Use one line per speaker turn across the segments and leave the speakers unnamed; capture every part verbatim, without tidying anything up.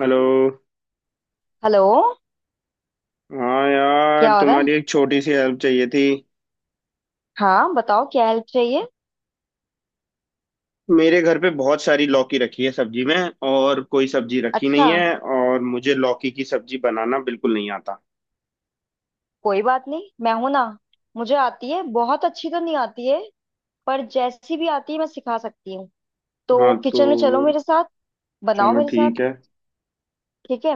Hello.
Hello.
हाँ यार,
क्या हो रहा है?
तुम्हारी एक छोटी सी हेल्प चाहिए थी।
हाँ बताओ, क्या हेल्प चाहिए?
मेरे घर पे बहुत सारी लौकी रखी है सब्जी में। और कोई सब्जी रखी
अच्छा,
नहीं है, और मुझे लौकी की सब्जी बनाना बिल्कुल नहीं आता।
कोई बात नहीं, मैं हूं ना। मुझे आती है, बहुत अच्छी तो नहीं आती है, पर जैसी भी आती है मैं सिखा सकती हूँ। तो
हाँ तो,
किचन में चलो मेरे साथ। बनाओ
चलो
मेरे साथ।
ठीक है।
ठीक है।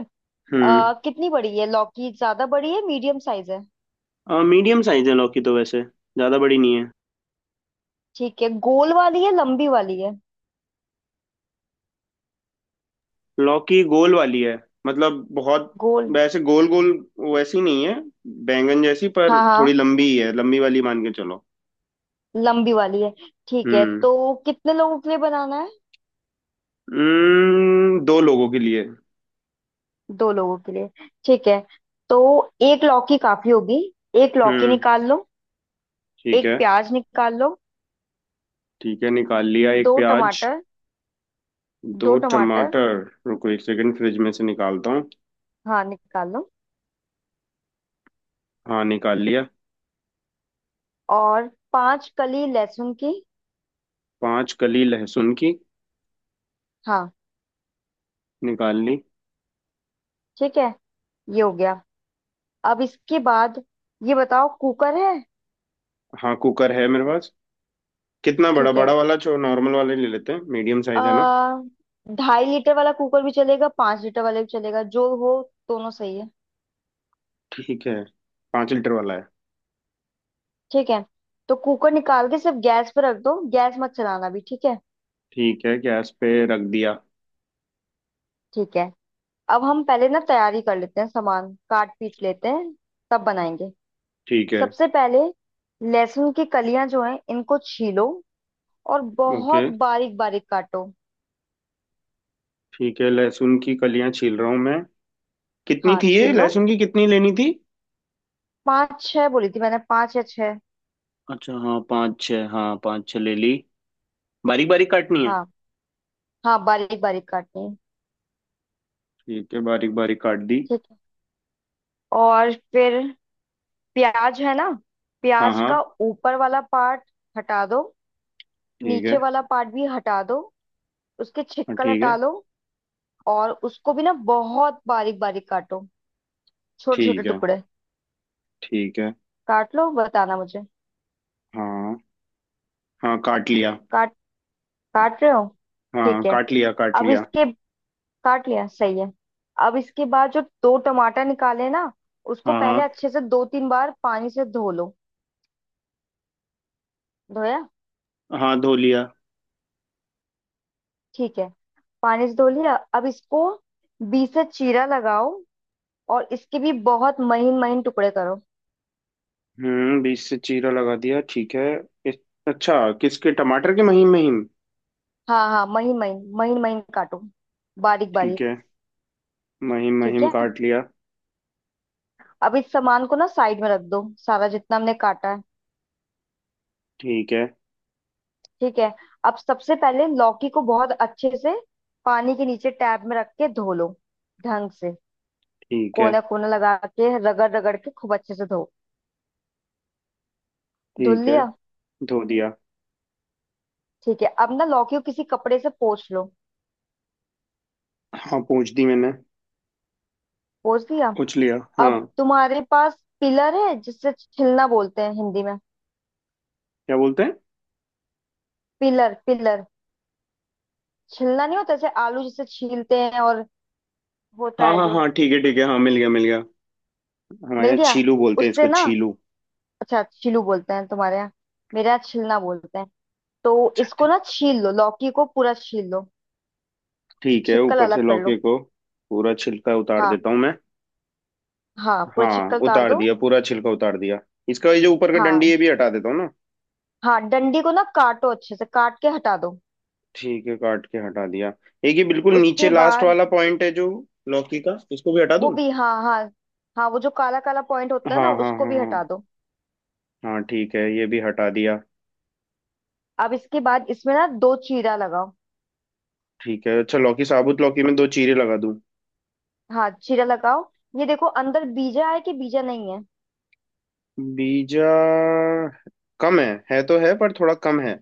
हम्म।
आ, कितनी बड़ी है लौकी? ज्यादा बड़ी है, मीडियम साइज है?
मीडियम साइज है, लौकी तो वैसे ज़्यादा बड़ी नहीं है।
ठीक है, गोल वाली है लंबी वाली है?
लौकी गोल वाली है। मतलब बहुत
गोल।
वैसे गोल गोल वैसी नहीं है। बैंगन जैसी, पर
हाँ
थोड़ी
हाँ,
लंबी ही है, लंबी वाली मान के चलो।
लंबी वाली है। ठीक है,
हम्म।
तो कितने लोगों के लिए बनाना है?
हम्म, दो लोगों के लिए।
दो लोगों के लिए। ठीक है, तो एक लौकी काफी होगी। एक लौकी
हम्म,
निकाल लो।
ठीक
एक
है।
प्याज निकाल लो।
ठीक है, निकाल लिया
दो
एक प्याज।
टमाटर।
दो
दो टमाटर।
टमाटर। रुको, एक सेकंड फ्रिज में से निकालता हूँ।
हाँ निकाल लो।
हाँ, निकाल लिया।
और पांच कली लहसुन की।
पांच कली लहसुन की।
हाँ।
निकाल ली।
ठीक है। ये हो गया। अब इसके बाद ये बताओ, कुकर है?
हाँ, कुकर है मेरे पास। कितना बड़ा?
ठीक है।
बड़ा वाला जो नॉर्मल वाले ले लेते हैं, मीडियम साइज है ना।
आ, ढाई लीटर वाला कुकर भी चलेगा, पांच लीटर वाला भी चलेगा, जो हो। दोनों सही है।
ठीक है। पाँच लीटर वाला है।
ठीक है, तो कुकर निकाल के सिर्फ गैस पे रख दो, गैस मत चलाना भी, ठीक है।
ठीक है, गैस पे रख दिया।
ठीक है। अब हम पहले ना तैयारी कर लेते हैं, सामान काट पीट लेते हैं, तब बनाएंगे।
ठीक है।
सबसे पहले लहसुन की कलियां जो हैं इनको छीलो और
ओके।
बहुत बारीक बारीक काटो।
ठीक है, लहसुन की कलियां छील रहा हूँ मैं। कितनी
हाँ
थी
छील
ये
लो।
लहसुन की? कितनी लेनी थी?
पाँच छह बोली थी मैंने, पाँच या छह।
अच्छा, हाँ पाँच छः, हाँ पाँच छः ले ली। बारीक बारीक काटनी है?
हाँ हाँ, बारीक बारीक काटनी है।
ठीक है, बारीक बारीक काट दी।
ठीक है। और फिर प्याज है ना,
हाँ
प्याज का
हाँ।
ऊपर वाला पार्ट हटा दो।
ठीक है।
नीचे वाला पार्ट भी हटा दो। उसके
हाँ।
छिक्कल
ठीक
हटा
है।
लो। और उसको भी ना बहुत बारीक बारीक काटो, छोटे छोटे
ठीक है।
टुकड़े।
ठीक है।
काट लो, बताना मुझे।
हाँ हाँ, काट लिया।
काट काट रहे हो?
हाँ,
ठीक है।
काट लिया, काट
अब
लिया।
इसके— काट लिया, सही है। अब इसके बाद जो दो टमाटर निकाले ना, उसको
हाँ हाँ
पहले अच्छे से दो तीन बार पानी से धो लो। धोया?
हाँ। धो लिया।
ठीक है, पानी से धो लिया, अब इसको बीच से चीरा लगाओ और इसके भी बहुत महीन महीन टुकड़े करो।
हम्म बीच से चीरा लगा दिया, ठीक है। इस, अच्छा, किसके टमाटर के महीम महीम?
हाँ हाँ, महीन महीन महीन महीन काटो, बारीक
ठीक
बारीक।
है। महीम
ठीक
महीम
है।
काट लिया।
अब इस सामान को ना साइड में रख दो, सारा जितना हमने काटा है।
ठीक है।
ठीक है। अब सबसे पहले लौकी को बहुत अच्छे से पानी के नीचे टैब में रख के धो लो ढंग से,
ठीक है।
कोने कोने लगा के, रगड़ रगड़ के खूब अच्छे से धो। धुल
ठीक है।
लिया?
धो दिया।
ठीक है, अब ना लौकी को किसी कपड़े से पोंछ लो।
हाँ, पूछ दी मैंने।
पोंछ दिया?
पूछ लिया, हाँ।
अब तुम्हारे पास पिलर है, जिससे छिलना बोलते हैं हिंदी में,
क्या बोलते हैं?
Pillar, pillar. छिलना नहीं होता जैसे आलू जिसे छीलते हैं, और होता
हाँ
है
हाँ
जो—
हाँ, ठीक है ठीक है, हाँ मिल गया, मिल गया। हमारे
मिल
यहाँ
गया?
छीलू बोलते हैं
उससे
इसको,
ना—
छीलू।
अच्छा, छिलू बोलते हैं तुम्हारे यहाँ, मेरे यहाँ छिलना बोलते हैं। तो इसको ना छील लो, लौकी को पूरा छील लो,
ठीक है,
छिक्कल
ऊपर से
अलग कर
लौकी
लो।
को पूरा छिलका उतार
हाँ
देता हूँ मैं।
हाँ, पूरा
हाँ,
छिक्कल उतार
उतार
दो।
दिया, पूरा छिलका उतार दिया। इसका ये जो ऊपर का डंडी,
हाँ
ये भी हटा देता हूँ ना?
हाँ, डंडी को ना काटो अच्छे से, काट के हटा दो।
ठीक है, काट के हटा दिया। एक ये बिल्कुल नीचे
उसके
लास्ट
बाद—
वाला पॉइंट है जो लौकी का, इसको भी हटा
वो
दूँ?
भी, हाँ हाँ हाँ, वो जो काला काला पॉइंट होता है
हाँ
ना,
हाँ
उसको
हाँ
भी हटा
हाँ।
दो।
हाँ ठीक है, ये भी हटा दिया।
अब इसके बाद इसमें ना दो चीरा लगाओ।
ठीक है, अच्छा, लौकी साबुत, लौकी में दो चीरे लगा दूँ?
हाँ, चीरा लगाओ। ये देखो अंदर बीजा है कि बीजा नहीं है।
बीजा कम है है तो है पर थोड़ा कम है।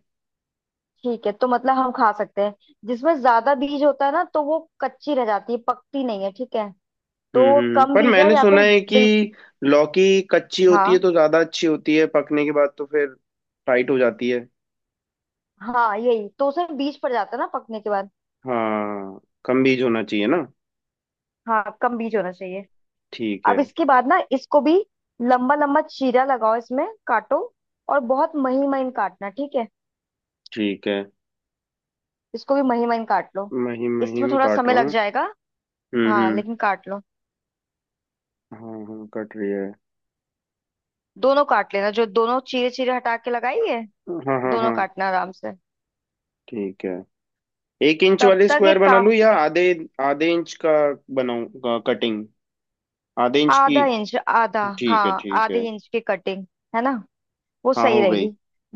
ठीक है, तो मतलब हम खा सकते हैं। जिसमें ज्यादा बीज होता है ना तो वो कच्ची रह जाती है, पकती नहीं है, ठीक है।
हम्म
तो
हम्म।
कम
पर
बीजा,
मैंने
या
सुना
फिर
है कि
बिल्कुल।
लौकी कच्ची होती है
हाँ
तो ज्यादा अच्छी होती है, पकने के बाद तो फिर टाइट हो जाती है।
हाँ, यही तो, उसमें बीज पड़ जाता है ना पकने के बाद।
हाँ। कम बीज होना चाहिए ना।
हाँ, कम बीज होना चाहिए।
ठीक है।
अब इसके बाद ना इसको भी लंबा लंबा चीरा लगाओ इसमें, काटो, और बहुत महीन महीन काटना, ठीक है।
ठीक है,
इसको भी महीन महीन काट लो,
महीम
इसमें
महीम
थोड़ा
काट
समय
रहा हूँ।
लग जाएगा।
हम्म
हाँ,
हम्म।
लेकिन काट लो।
हाँ हाँ, कट रही है।
दोनों काट लेना, जो दोनों चीरे चीरे हटा के लगाई है,
हाँ हाँ
दोनों
हाँ।
काटना आराम से।
ठीक है। एक इंच
तब
वाले
तक
स्क्वायर
एक
बना
काम—
लूँ, या आधे? आधे इंच का बनाऊँ कटिंग? आधे इंच की।
आधा इंच, आधा,
ठीक है
हाँ,
ठीक
आधे
है।
इंच की कटिंग, है ना, वो
हाँ,
सही
हो गई।
रहेगी।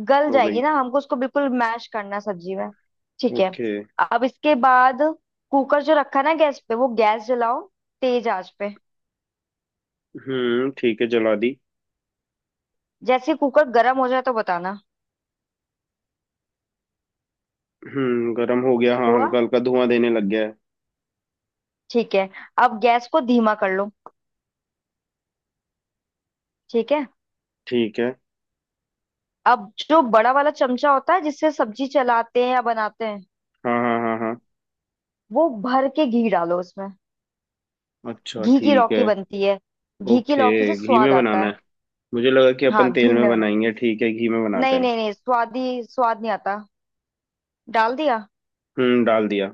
गल
हो गई।
जाएगी ना, हमको उसको बिल्कुल मैश करना है सब्जी में। ठीक है।
ओके।
अब इसके बाद कुकर जो रखा ना गैस पे, वो गैस जलाओ, तेज आंच पे।
हम्म, ठीक है, जला दी।
जैसे ही कुकर गर्म हो जाए तो बताना।
हम्म गर्म हो गया, हाँ,
हुआ?
हल्का हल्का धुआं देने लग गया है।
ठीक है, अब गैस को धीमा कर लो। ठीक है।
ठीक है।
अब जो बड़ा वाला चमचा होता है जिससे सब्जी चलाते हैं या बनाते हैं,
हाँ हाँ हाँ हाँ।
वो भर के घी डालो उसमें।
अच्छा,
घी की
ठीक है।
लौकी बनती है, घी की
ओके।
लौकी से
घी
स्वाद
में
आता
बनाना
है।
है? मुझे लगा कि
हाँ,
अपन तेल
घी
में
में बना।
बनाएंगे, ठीक है, घी में बनाते
नहीं
हैं।
नहीं नहीं, स्वाद ही, स्वाद नहीं आता। डाल दिया?
हम्म डाल दिया।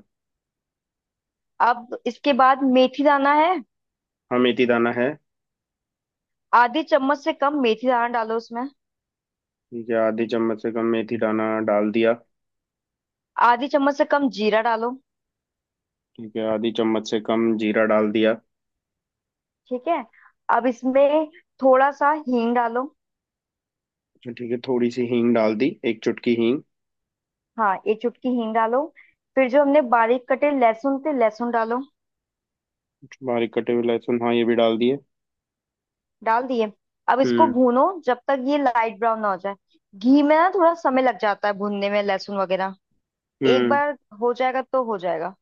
अब इसके बाद मेथी दाना है।
हाँ, मेथी दाना है।
आधी चम्मच से कम मेथी दाना डालो उसमें।
ठीक है, आधी चम्मच से कम मेथी दाना डाल दिया।
आधी चम्मच से कम जीरा डालो।
ठीक है, आधी चम्मच से कम जीरा डाल दिया।
ठीक है, अब इसमें थोड़ा सा हींग डालो।
अच्छा, ठीक है, थोड़ी सी हींग डाल दी, एक चुटकी हींग।
हाँ, एक चुटकी हींग डालो। फिर जो हमने बारीक कटे लहसुन थे, लहसुन डालो।
बारीक कटे हुए लहसुन, हाँ, ये भी डाल दिए।
डाल दिए? अब इसको
हम्म
भूनो जब तक ये लाइट ब्राउन ना हो जाए। घी में ना थोड़ा समय लग जाता है भूनने में, लहसुन वगैरह। एक
हम्म।
बार हो जाएगा तो हो जाएगा।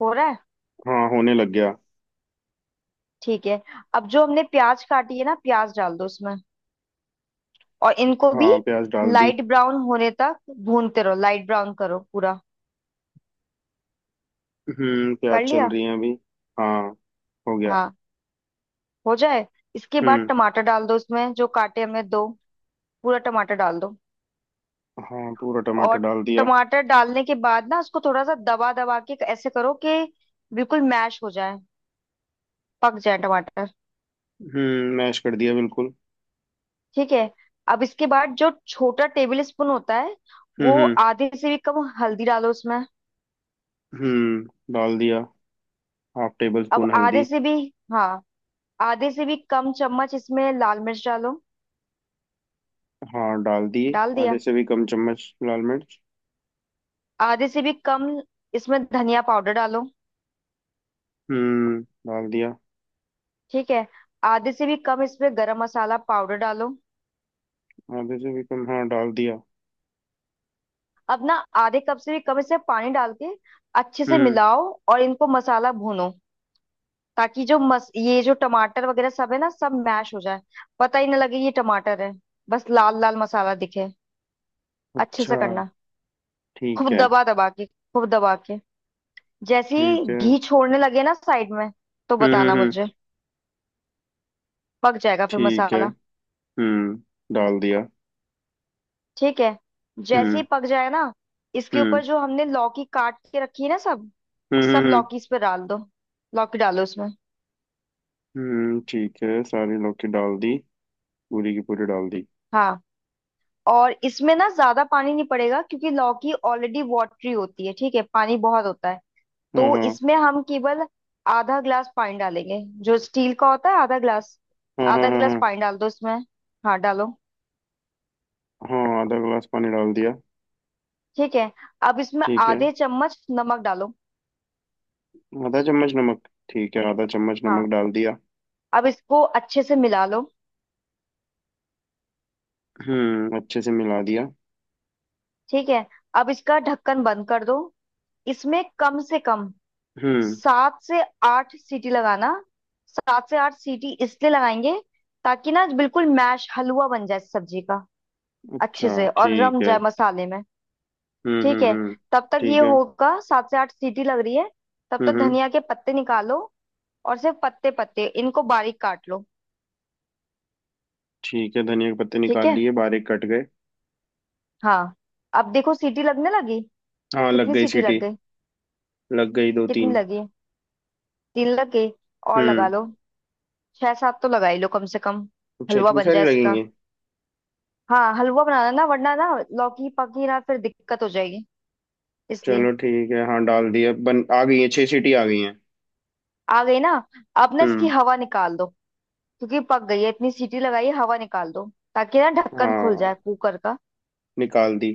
हो रहा है?
हाँ, होने लग गया।
ठीक है। अब जो हमने प्याज काटी है ना, प्याज डाल दो उसमें, और इनको भी
हाँ, प्याज डाल दी।
लाइट ब्राउन होने तक भूनते रहो, लाइट ब्राउन करो पूरा।
हम्म प्याज
कर
चल
लिया?
रही है अभी। हाँ, हो गया।
हाँ, हो जाए। इसके बाद
हम्म।
टमाटर डाल दो उसमें, जो काटे हमने दो, पूरा टमाटर डाल दो।
हाँ, पूरा टमाटर
और
डाल दिया।
टमाटर डालने के बाद ना उसको थोड़ा सा दबा दबा के ऐसे करो कि बिल्कुल मैश हो जाए, पक जाए टमाटर।
हम्म मैश कर दिया बिल्कुल।
ठीक है। अब इसके बाद जो छोटा टेबल स्पून होता है,
हम्म
वो
हम्म
आधे से भी कम हल्दी डालो उसमें।
हम्म। डाल दिया। हाफ टेबल
अब
स्पून
आधे
हल्दी।
से भी, हाँ, आधे से भी कम चम्मच इसमें लाल मिर्च डालो।
हाँ, डाल दी।
डाल
आधे
दिया?
से भी कम चम्मच लाल मिर्च।
आधे से भी कम इसमें धनिया पाउडर डालो।
हम्म डाल दिया।
ठीक है। आधे से भी कम इसमें गरम मसाला पाउडर डालो।
आधे से भी कम, हाँ, डाल दिया।
अब ना आधे कप से भी कम इसमें पानी डाल के अच्छे से
हम्म।
मिलाओ, और इनको मसाला भूनो, ताकि जो मस ये जो टमाटर वगैरह सब है ना, सब मैश हो जाए, पता ही ना लगे ये टमाटर है, बस लाल लाल मसाला दिखे। अच्छे से
अच्छा,
करना, खूब
ठीक है।
दबा दबा के, खूब दबा के। जैसे ही
ठीक है। हम्म
घी छोड़ने लगे ना साइड में, तो
हम्म
बताना
हम्म,
मुझे, पक जाएगा फिर
ठीक है।
मसाला।
हम्म डाल दिया।
ठीक है। जैसे ही
हम्म
पक जाए ना, इसके
हम्म
ऊपर जो हमने लौकी काट के रखी है ना, सब
हम्म
सब
हम्म
लौकी इस पे डाल दो। लौकी डालो इसमें,
हम्म, ठीक है, सारी लौकी डाल दी, पूरी की पूरी डाल दी।
हाँ। और इसमें ना ज्यादा पानी नहीं पड़ेगा क्योंकि लौकी ऑलरेडी वाटरी होती है, ठीक है, पानी बहुत होता है।
हाँ
तो
हाँ
इसमें हम केवल आधा ग्लास पानी डालेंगे, जो स्टील का होता है, आधा ग्लास।
हाँ हाँ
आधा ग्लास
हाँ
पानी डाल दो इसमें, हाँ डालो।
हाँ हाँ, आधा गिलास पानी डाल दिया।
ठीक है। अब इसमें
ठीक है।
आधे चम्मच नमक डालो।
आधा चम्मच नमक। ठीक है, आधा चम्मच नमक
हाँ।
डाल दिया।
अब इसको अच्छे से मिला लो।
हम्म अच्छे से मिला दिया।
ठीक है। अब इसका ढक्कन बंद कर दो। इसमें कम से कम
हम्म।
सात से आठ सीटी लगाना। सात से आठ सीटी इसलिए लगाएंगे ताकि ना बिल्कुल मैश, हलवा बन जाए सब्जी का, अच्छे
अच्छा,
से, और
ठीक
रम
है।
जाए मसाले में।
हम्म
ठीक
हम्म
है।
हम्म,
तब तक ये
ठीक है।
होगा, सात से आठ सीटी लग रही है, तब
हम्म
तक
हम्म,
धनिया के पत्ते निकालो, और सिर्फ पत्ते पत्ते, इनको बारीक काट लो।
ठीक है, धनिया के पत्ते
ठीक
निकाल
है,
लिए, बारीक कट गए।
हाँ। अब देखो सीटी लगने लगी।
हाँ, लग
कितनी
गई
सीटी
सीटी।
लग गई?
लग गई दो
कितनी
तीन।
लगी? तीन लग गई? और लगा
हम्म,
लो, छह सात तो लगा ही लो कम से कम।
अच्छा,
हलवा
इतनी
बन
सारी
जाए इसका।
लगेंगी?
हाँ, हलवा बनाना ना, वरना ना लौकी पकी ना, फिर दिक्कत हो जाएगी, इसलिए।
चलो ठीक है, हाँ डाल दिया, बन आ गई है, छह सीटी आ गई हैं।
आ गई ना? अब ना इसकी
हम्म।
हवा निकाल दो, क्योंकि पक गई है, इतनी सीटी लगाई है, हवा निकाल दो ताकि ना ढक्कन खुल
हाँ,
जाए कुकर का।
निकाल दी।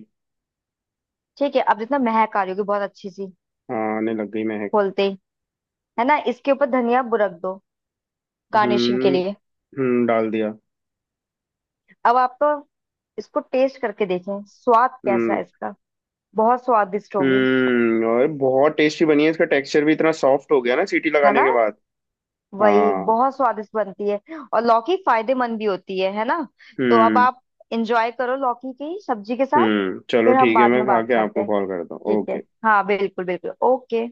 ठीक है, अब जितना महक आ रही होगी, बहुत अच्छी सी,
हाँ, आने लग गई महक।
खोलते ही, है ना, इसके ऊपर धनिया बुरक दो गार्निशिंग के
हम्म
लिए।
हम्म, डाल दिया।
अब आप तो इसको टेस्ट करके देखें, स्वाद कैसा है
हम्म
इसका। बहुत स्वादिष्ट होगी।
हम्म, और बहुत टेस्टी बनी है, इसका टेक्सचर भी इतना सॉफ्ट हो गया ना सीटी
है
लगाने
ना,
के बाद।
वही
हाँ।
बहुत स्वादिष्ट बनती है, और लौकी फायदेमंद भी होती है है ना। तो अब
हम्म।
आप इंजॉय करो लौकी की सब्जी के साथ।
हम्म चलो
फिर हम
ठीक है,
बाद
मैं
में
खा
बात
के
करते
आपको
हैं।
कॉल करता हूँ,
ठीक है,
ओके।
हाँ बिल्कुल बिल्कुल। ओके।